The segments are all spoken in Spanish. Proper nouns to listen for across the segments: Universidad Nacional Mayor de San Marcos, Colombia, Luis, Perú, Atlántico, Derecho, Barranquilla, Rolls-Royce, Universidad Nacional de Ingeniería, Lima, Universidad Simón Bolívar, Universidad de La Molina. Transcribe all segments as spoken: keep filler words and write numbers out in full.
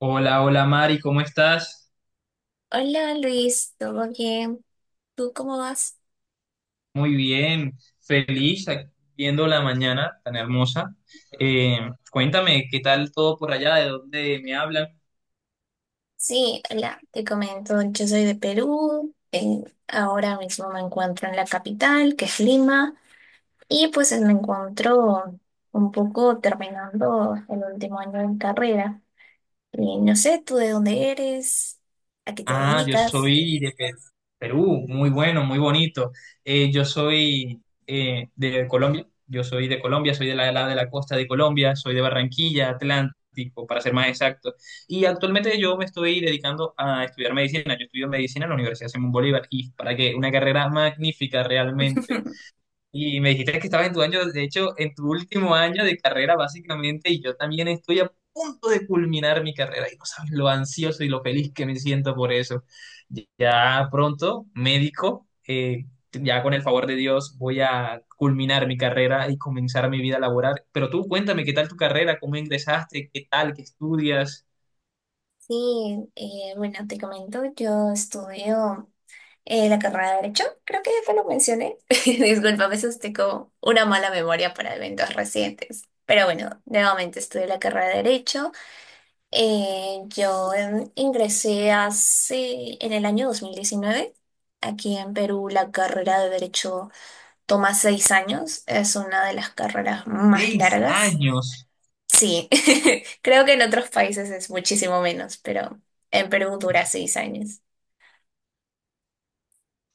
Hola, hola Mari, ¿cómo estás? Hola Luis, ¿todo bien? ¿Tú cómo vas? Muy bien, feliz aquí viendo la mañana tan hermosa. Eh, Cuéntame, ¿qué tal todo por allá? ¿De dónde me hablan? Sí, hola, te comento, yo soy de Perú, eh, ahora mismo me encuentro en la capital, que es Lima, y pues me encuentro un poco terminando el último año de carrera. Y no sé, ¿tú de dónde eres? ¿A qué te Ah, yo dedicas? soy de Pe- Perú, muy bueno, muy bonito. Eh, yo soy eh, de Colombia, yo soy de Colombia, soy de la, la- de la costa de Colombia, soy de Barranquilla, Atlántico, para ser más exacto. Y actualmente yo me estoy dedicando a estudiar medicina. Yo estudio medicina en la Universidad Simón Bolívar y para que una carrera magnífica realmente. Y me dijiste que estabas en tu año, de hecho, en tu último año de carrera, básicamente, y yo también estoy a punto de culminar mi carrera y no sabes lo ansioso y lo feliz que me siento por eso. Ya pronto, médico, eh, ya con el favor de Dios voy a culminar mi carrera y comenzar mi vida laboral. Pero tú cuéntame, ¿qué tal tu carrera? ¿Cómo ingresaste? ¿Qué tal? ¿Qué estudias? Sí, eh, bueno, te comento, yo estudio eh, la carrera de Derecho, creo que ya te lo mencioné. Disculpa, a veces tengo una mala memoria para eventos recientes. Pero bueno, nuevamente estudio la carrera de Derecho. Eh, yo em, ingresé hace, en el año dos mil diecinueve. Aquí en Perú la carrera de Derecho toma seis años, es una de las carreras más Seis largas. años. Sí, creo que en otros países es muchísimo menos, pero en Perú dura seis años.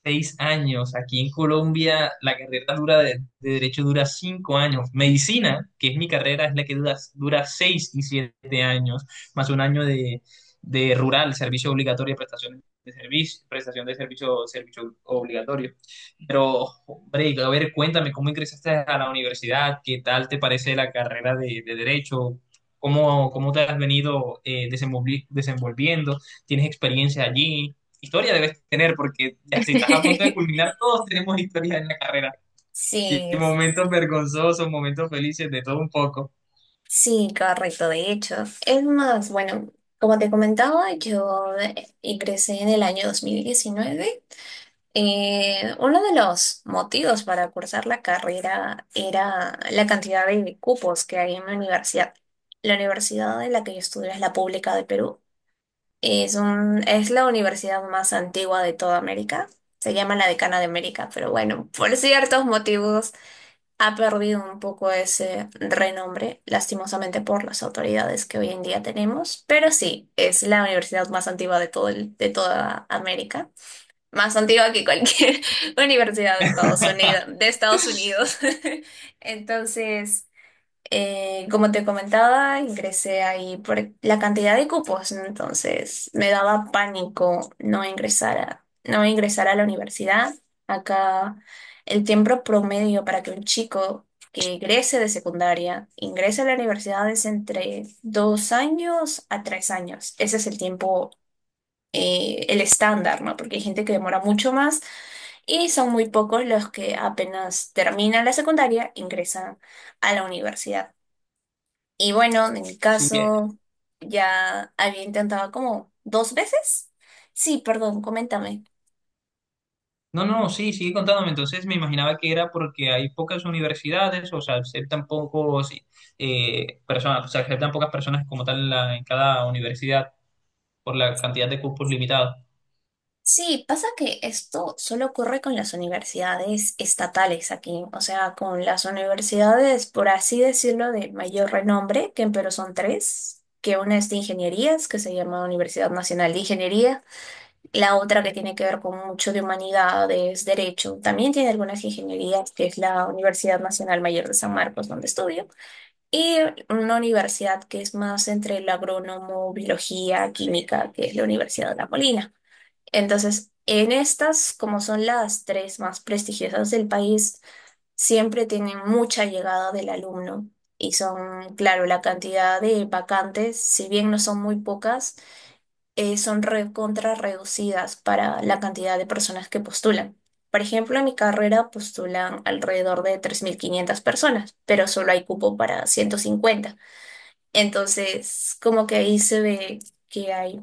Seis años. Aquí en Colombia la carrera dura de, de derecho dura cinco años. Medicina, que es mi carrera, es la que dura, dura seis y siete años, más un año de, de rural, servicio obligatorio, prestaciones de servicio, prestación de servicio, servicio obligatorio. Pero, hombre, a ver, cuéntame, ¿cómo ingresaste a la universidad? ¿Qué tal te parece la carrera de, de derecho? ¿Cómo, cómo te has venido eh, desenvolvi- desenvolviendo? ¿Tienes experiencia allí? Historia debes tener, porque ya si estás a punto de culminar, todos tenemos historias en la carrera. Y Sí, es- momentos vergonzosos, momentos felices, de todo un poco. sí, correcto, de hecho. Es más, bueno, como te comentaba, yo eh, ingresé en el año dos mil diecinueve. Eh, uno de los motivos para cursar la carrera era la cantidad de cupos que hay en la universidad. La universidad en la que yo estudio es la pública de Perú. Es un, es la universidad más antigua de toda América. Se llama la Decana de América, pero bueno, por ciertos motivos ha perdido un poco ese renombre, lastimosamente por las autoridades que hoy en día tenemos. Pero sí, es la universidad más antigua de todo el- de toda América. Más antigua que cualquier universidad de Estados Unidos, de Estados Unidos. Entonces. Eh, como te comentaba, ingresé ahí por la cantidad de cupos, ¿no? Entonces me daba pánico no ingresar a, no ingresar a la universidad. Acá el tiempo promedio para que un chico que egrese de secundaria ingrese a la universidad es entre dos años a tres años. Ese es el tiempo, eh, el estándar, ¿no? Porque hay gente que demora mucho más y son muy pocos los que apenas terminan la secundaria ingresan a la universidad. Y bueno, en mi Sigue. caso, ya había intentado como dos veces. Sí, perdón, coméntame. No, no, sí, sigue contándome. Entonces me imaginaba que era porque hay pocas universidades, o sea, aceptan pocos eh, personas, o sea, aceptan pocas personas como tal en, la- en cada universidad por la cantidad de cupos limitados. Sí, pasa que esto solo ocurre con las universidades estatales aquí, o sea, con las universidades, por así decirlo, de mayor renombre, que en Perú son tres, que una es de ingenierías, que se llama Universidad Nacional de Ingeniería, la otra que tiene que ver con mucho de humanidades, derecho, también tiene algunas ingenierías, que es la Universidad Nacional Mayor de San Marcos, donde estudio. Y una universidad que es más entre el agrónomo, biología, química, que es la Universidad de La Molina. Entonces, en estas, como son las tres más prestigiosas del país, siempre tienen mucha llegada del alumno. Y son, claro, la cantidad de vacantes, si bien no son muy pocas, eh, son recontra reducidas para la cantidad de personas que postulan. Por ejemplo, en mi carrera postulan alrededor de tres mil quinientas personas, pero solo hay cupo para ciento cincuenta, entonces, como que ahí se ve que hay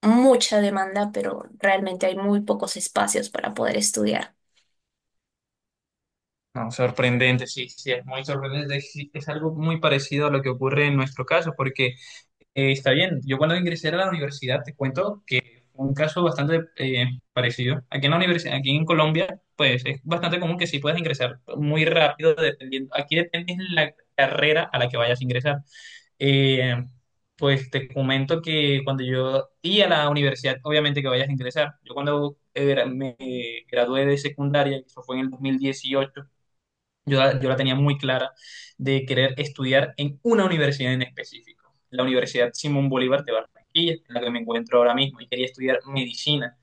mucha demanda, pero realmente hay muy pocos espacios para poder estudiar. No, sorprendente, sí, sí, es muy sorprendente. Sí, es algo muy parecido a lo que ocurre en nuestro caso, porque eh, está bien, yo cuando ingresé a la universidad, te cuento, un caso bastante eh, parecido. Aquí en la universidad, aquí en Colombia, pues es bastante común que sí puedas ingresar muy rápido, dependiendo. Aquí depende de la carrera a la que vayas a ingresar. Eh, pues te comento que cuando yo y a la universidad, obviamente que vayas a ingresar. Yo cuando eh, me gradué de secundaria, eso fue en el dos mil dieciocho, yo, la- yo la tenía muy clara de querer estudiar en una universidad en específico, la Universidad Simón Bolívar de Barranquilla, en la que me encuentro ahora mismo, y quería estudiar medicina.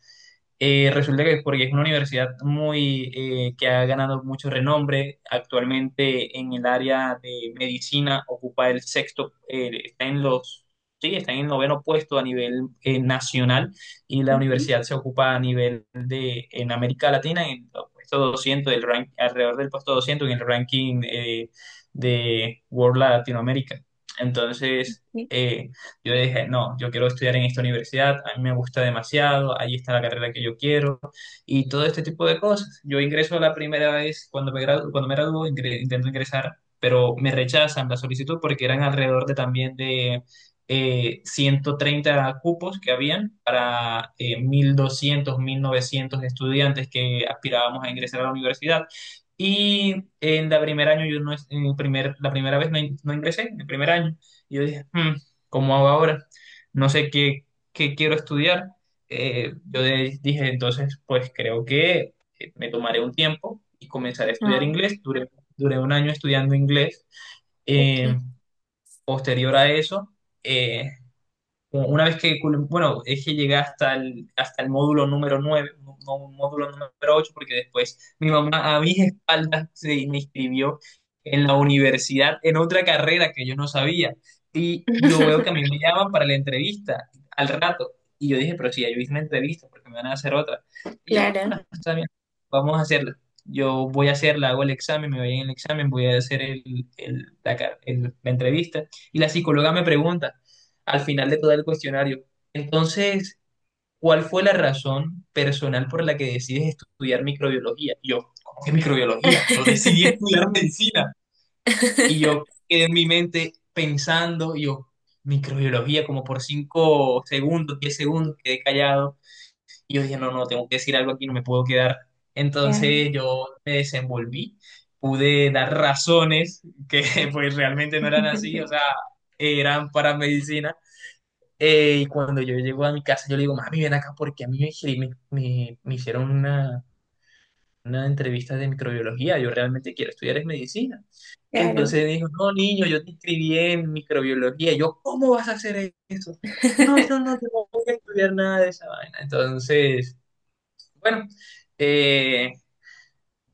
Eh, resulta que es porque es una universidad muy eh, que ha ganado mucho renombre. Actualmente en el área de medicina ocupa el sexto, eh, está en los, sí, está en el noveno puesto a nivel eh, nacional y la Ujú, universidad se ocupa a nivel de en América Latina en el puesto doscientos del rank, alrededor del puesto doscientos en el ranking eh, de World Latinoamérica. Entonces, sí. eh, yo dije, no, yo quiero estudiar en esta universidad, a mí me gusta demasiado, ahí está la carrera que yo quiero y todo este tipo de cosas. Yo ingreso la primera vez cuando me graduo, cuando me graduo, ingre- intento ingresar, pero me rechazan la solicitud porque eran alrededor de también de eh, ciento treinta cupos que habían para eh, mil doscientos, mil novecientos estudiantes que aspirábamos a ingresar a la universidad. Y en la primer año yo no, es- en el primer, la primera vez no, in- no ingresé, en el primer año. Y yo dije, "Hmm, cómo hago ahora, no sé qué, qué quiero estudiar. Eh, yo de- dije, entonces, pues creo que eh, me tomaré un tiempo y comenzaré a estudiar Ah, inglés. Duré, duré un año estudiando inglés. Ok, Eh, Posterior a eso, eh, una vez que, cul- bueno, es que llegué hasta el, hasta el módulo número nueve no no, un módulo número ocho porque después mi mamá a mis espaldas se me inscribió en la universidad en otra carrera que yo no sabía. Y yo veo que a mí me llaman para la entrevista al rato. Y yo dije, pero si ya yo hice una entrevista, porque me van a hacer otra? Y yo, bueno, claro. está bien, vamos a hacerla. Yo voy a hacerla, hago el examen, me voy en el examen, voy a hacer el, el- la, car- el- la entrevista. Y la psicóloga me pregunta al final de todo el cuestionario. Entonces, ¿cuál fue la razón personal por la que decides estudiar microbiología? Y yo, ¿cómo que microbiología? Yo decidí estudiar medicina. Y yo quedé en mi mente pensando, y yo, microbiología, como por cinco segundos, diez segundos, quedé callado. Y yo dije, no, no, tengo que decir algo aquí, no me puedo quedar. Claro, Entonces yo me desenvolví, pude dar razones que pues realmente no eran así, o sea, eran para medicina eh, y cuando yo llego a mi casa, yo le digo, mami, ven acá porque a mí me, hicieron- me, me- me hicieron una, una entrevista de microbiología, yo realmente quiero estudiar es medicina. claro. Entonces me dijo, no, niño, yo te inscribí en microbiología. Yo, ¿cómo vas a hacer eso? No, yo no, yo no voy a estudiar nada de esa vaina. Entonces, bueno, eh,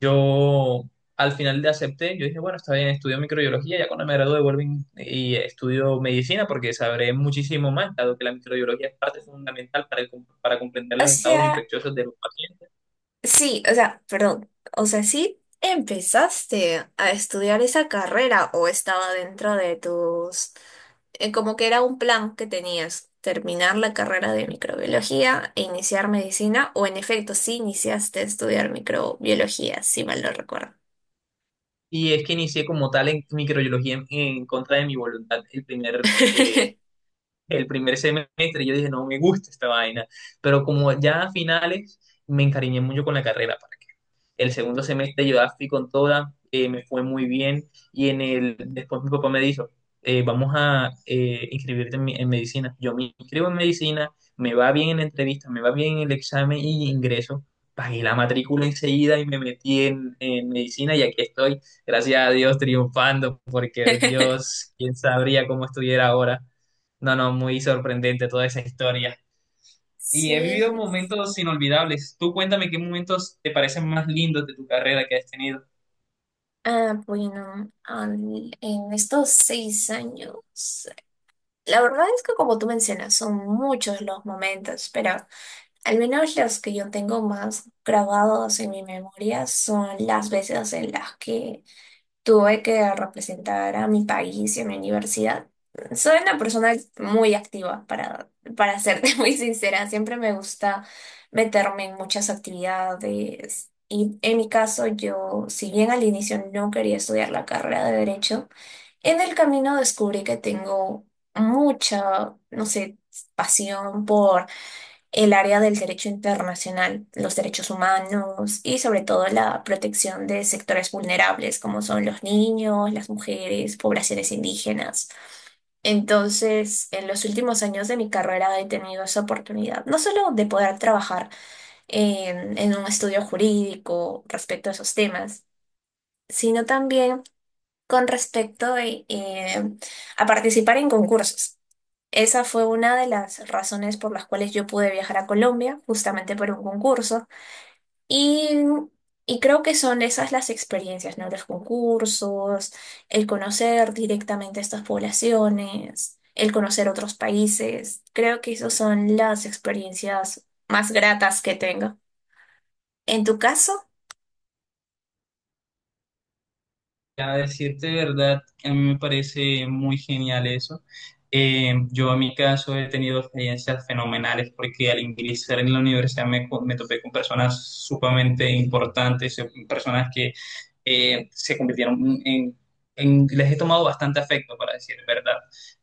yo al final le acepté, yo dije, bueno, está bien, estudio microbiología, ya cuando me gradúe vuelvo y y estudio medicina porque sabré muchísimo más, dado que la microbiología es parte fundamental para, el com- para comprender O los estados sea, infecciosos de los pacientes. sí, o sea, perdón, o sea, sí empezaste a estudiar esa carrera o estaba dentro de tus, eh, como que era un plan que tenías, terminar la carrera de microbiología e iniciar medicina, o en efecto, sí iniciaste a estudiar microbiología, si mal no recuerdo. Y es que inicié como tal en microbiología en, en contra de mi voluntad el primer, eh, el primer semestre. Yo dije, no me gusta esta vaina, pero como ya a finales me encariñé mucho con la carrera. El segundo semestre yo la fui con toda, eh, me fue muy bien y en el, después mi papá me dijo, eh, vamos a eh, inscribirte en, mi- en medicina. Yo me inscribo en medicina, me va bien en la entrevista, me va bien en el examen y ingreso. Pagué la matrícula enseguida y me metí en, en medicina y aquí estoy, gracias a Dios, triunfando, porque Dios, quién sabría cómo estuviera ahora. No, no, muy sorprendente toda esa historia. Y he Sí, vivido momentos inolvidables. Tú cuéntame qué momentos te parecen más lindos de tu carrera que has tenido. ah, bueno, al- en estos seis años, la verdad es que como tú mencionas, son muchos los momentos, pero al menos los que yo tengo más grabados en mi memoria son las veces en las que tuve que representar a mi país en la universidad. Soy una persona muy activa, para, para serte muy sincera. Siempre me gusta meterme en muchas actividades. Y en mi caso, yo, si bien al inicio no quería estudiar la carrera de Derecho, en el camino descubrí que tengo mucha, no sé, pasión por el área del derecho internacional, los derechos humanos y sobre todo la protección de sectores vulnerables como son los niños, las mujeres, poblaciones indígenas. Entonces, en los últimos años de mi carrera he tenido esa oportunidad, no solo de poder trabajar en, en un estudio jurídico respecto a esos temas, sino también con respecto eh, eh, a participar en concursos. Esa fue una de las razones por las cuales yo pude viajar a Colombia, justamente por un concurso. Y, y creo que son esas las experiencias, ¿no? Los concursos, el conocer directamente a estas poblaciones, el conocer otros países. Creo que esas son las experiencias más gratas que tengo. ¿En tu caso? A decirte verdad, a mí me parece muy genial eso. Eh, yo en mi caso he tenido experiencias fenomenales porque al ingresar en la universidad me, co- me topé con personas sumamente importantes, eh, personas que eh, se convirtieron en, en- les he tomado bastante afecto, para decir verdad.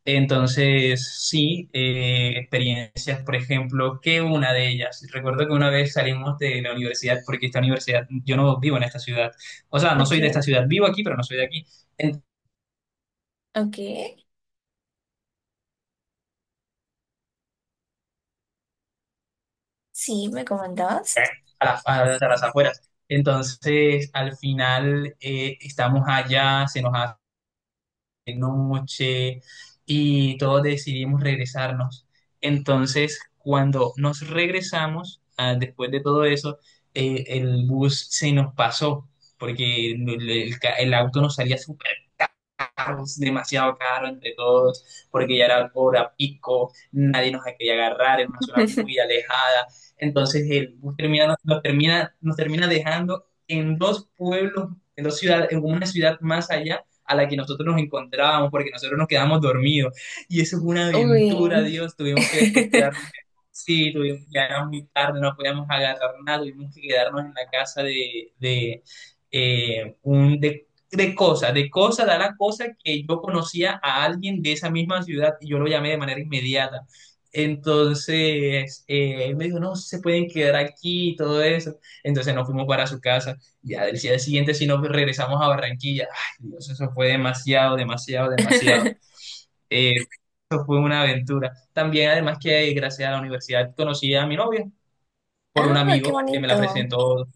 Entonces, sí, eh, experiencias, por ejemplo, que una de ellas, recuerdo que una vez salimos de la universidad, porque esta universidad, yo no vivo en esta ciudad. O sea, no soy de Okay, esta ciudad, vivo aquí, pero no soy de aquí, en- okay. Sí, me comentabas. a las, a las- a las afueras. Entonces, al final, eh, estamos allá, se nos hace noche y todos decidimos regresarnos. Entonces, cuando nos regresamos, ah, después de todo eso, eh, el bus se nos pasó, porque el, el ca- el auto nos salía súper caros, demasiado caros entre todos, porque ya era hora pico, nadie nos quería agarrar, en una zona muy alejada. Entonces el bus termina, nos, nos termina, nos termina dejando en dos pueblos, en dos ciudades, en una ciudad más allá a la que nosotros nos encontrábamos, porque nosotros nos quedamos dormidos. Y eso fue una aventura, Uy. Dios. Tuvimos que después quedarnos, sí, tuvimos que quedarnos muy tarde, no podíamos agarrar nada, tuvimos que quedarnos en la casa de, de, eh, un, de de cosa, de cosa, da la cosa que yo conocía a alguien de esa misma ciudad y yo lo llamé de manera inmediata. Entonces, eh, él me dijo, no, se pueden quedar aquí y todo eso. Entonces nos fuimos para su casa. Ya del día siguiente, si nos regresamos a Barranquilla, ay Dios, eso fue demasiado, demasiado, demasiado. Eh, Eso fue una aventura. También, además que eh, gracias a la universidad conocí a mi novia por un Ah, qué amigo que me la bonito. presentó.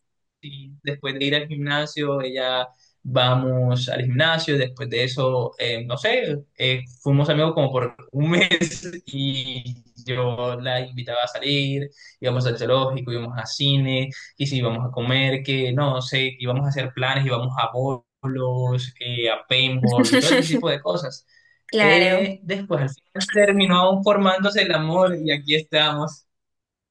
Y después de ir al gimnasio, ella vamos al gimnasio. Después de eso, eh, no sé, eh, fuimos amigos como por un mes y yo la invitaba a salir, íbamos al zoológico, íbamos a cine, y si íbamos a comer, que no sé, íbamos a hacer planes, íbamos a bolos, eh, a paintball y todo ese tipo de cosas. Claro. Eh, después al final terminó formándose el amor y aquí estamos.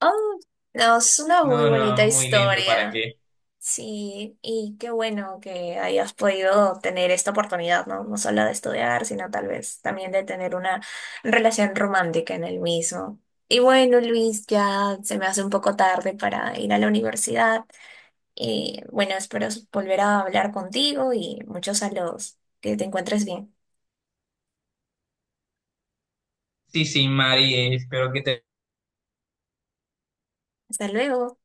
Oh, no, es una muy No, bonita no, muy lindo, ¿para historia. qué? Sí, y qué bueno que hayas podido tener esta oportunidad, ¿no? No solo de estudiar, sino tal vez también de tener una relación romántica en el mismo. Y bueno, Luis, ya se me hace un poco tarde para ir a la universidad. Y bueno, espero volver a hablar contigo y muchos saludos. Que te encuentres bien. Sí, sí, Mari, eh, espero que te Hasta luego.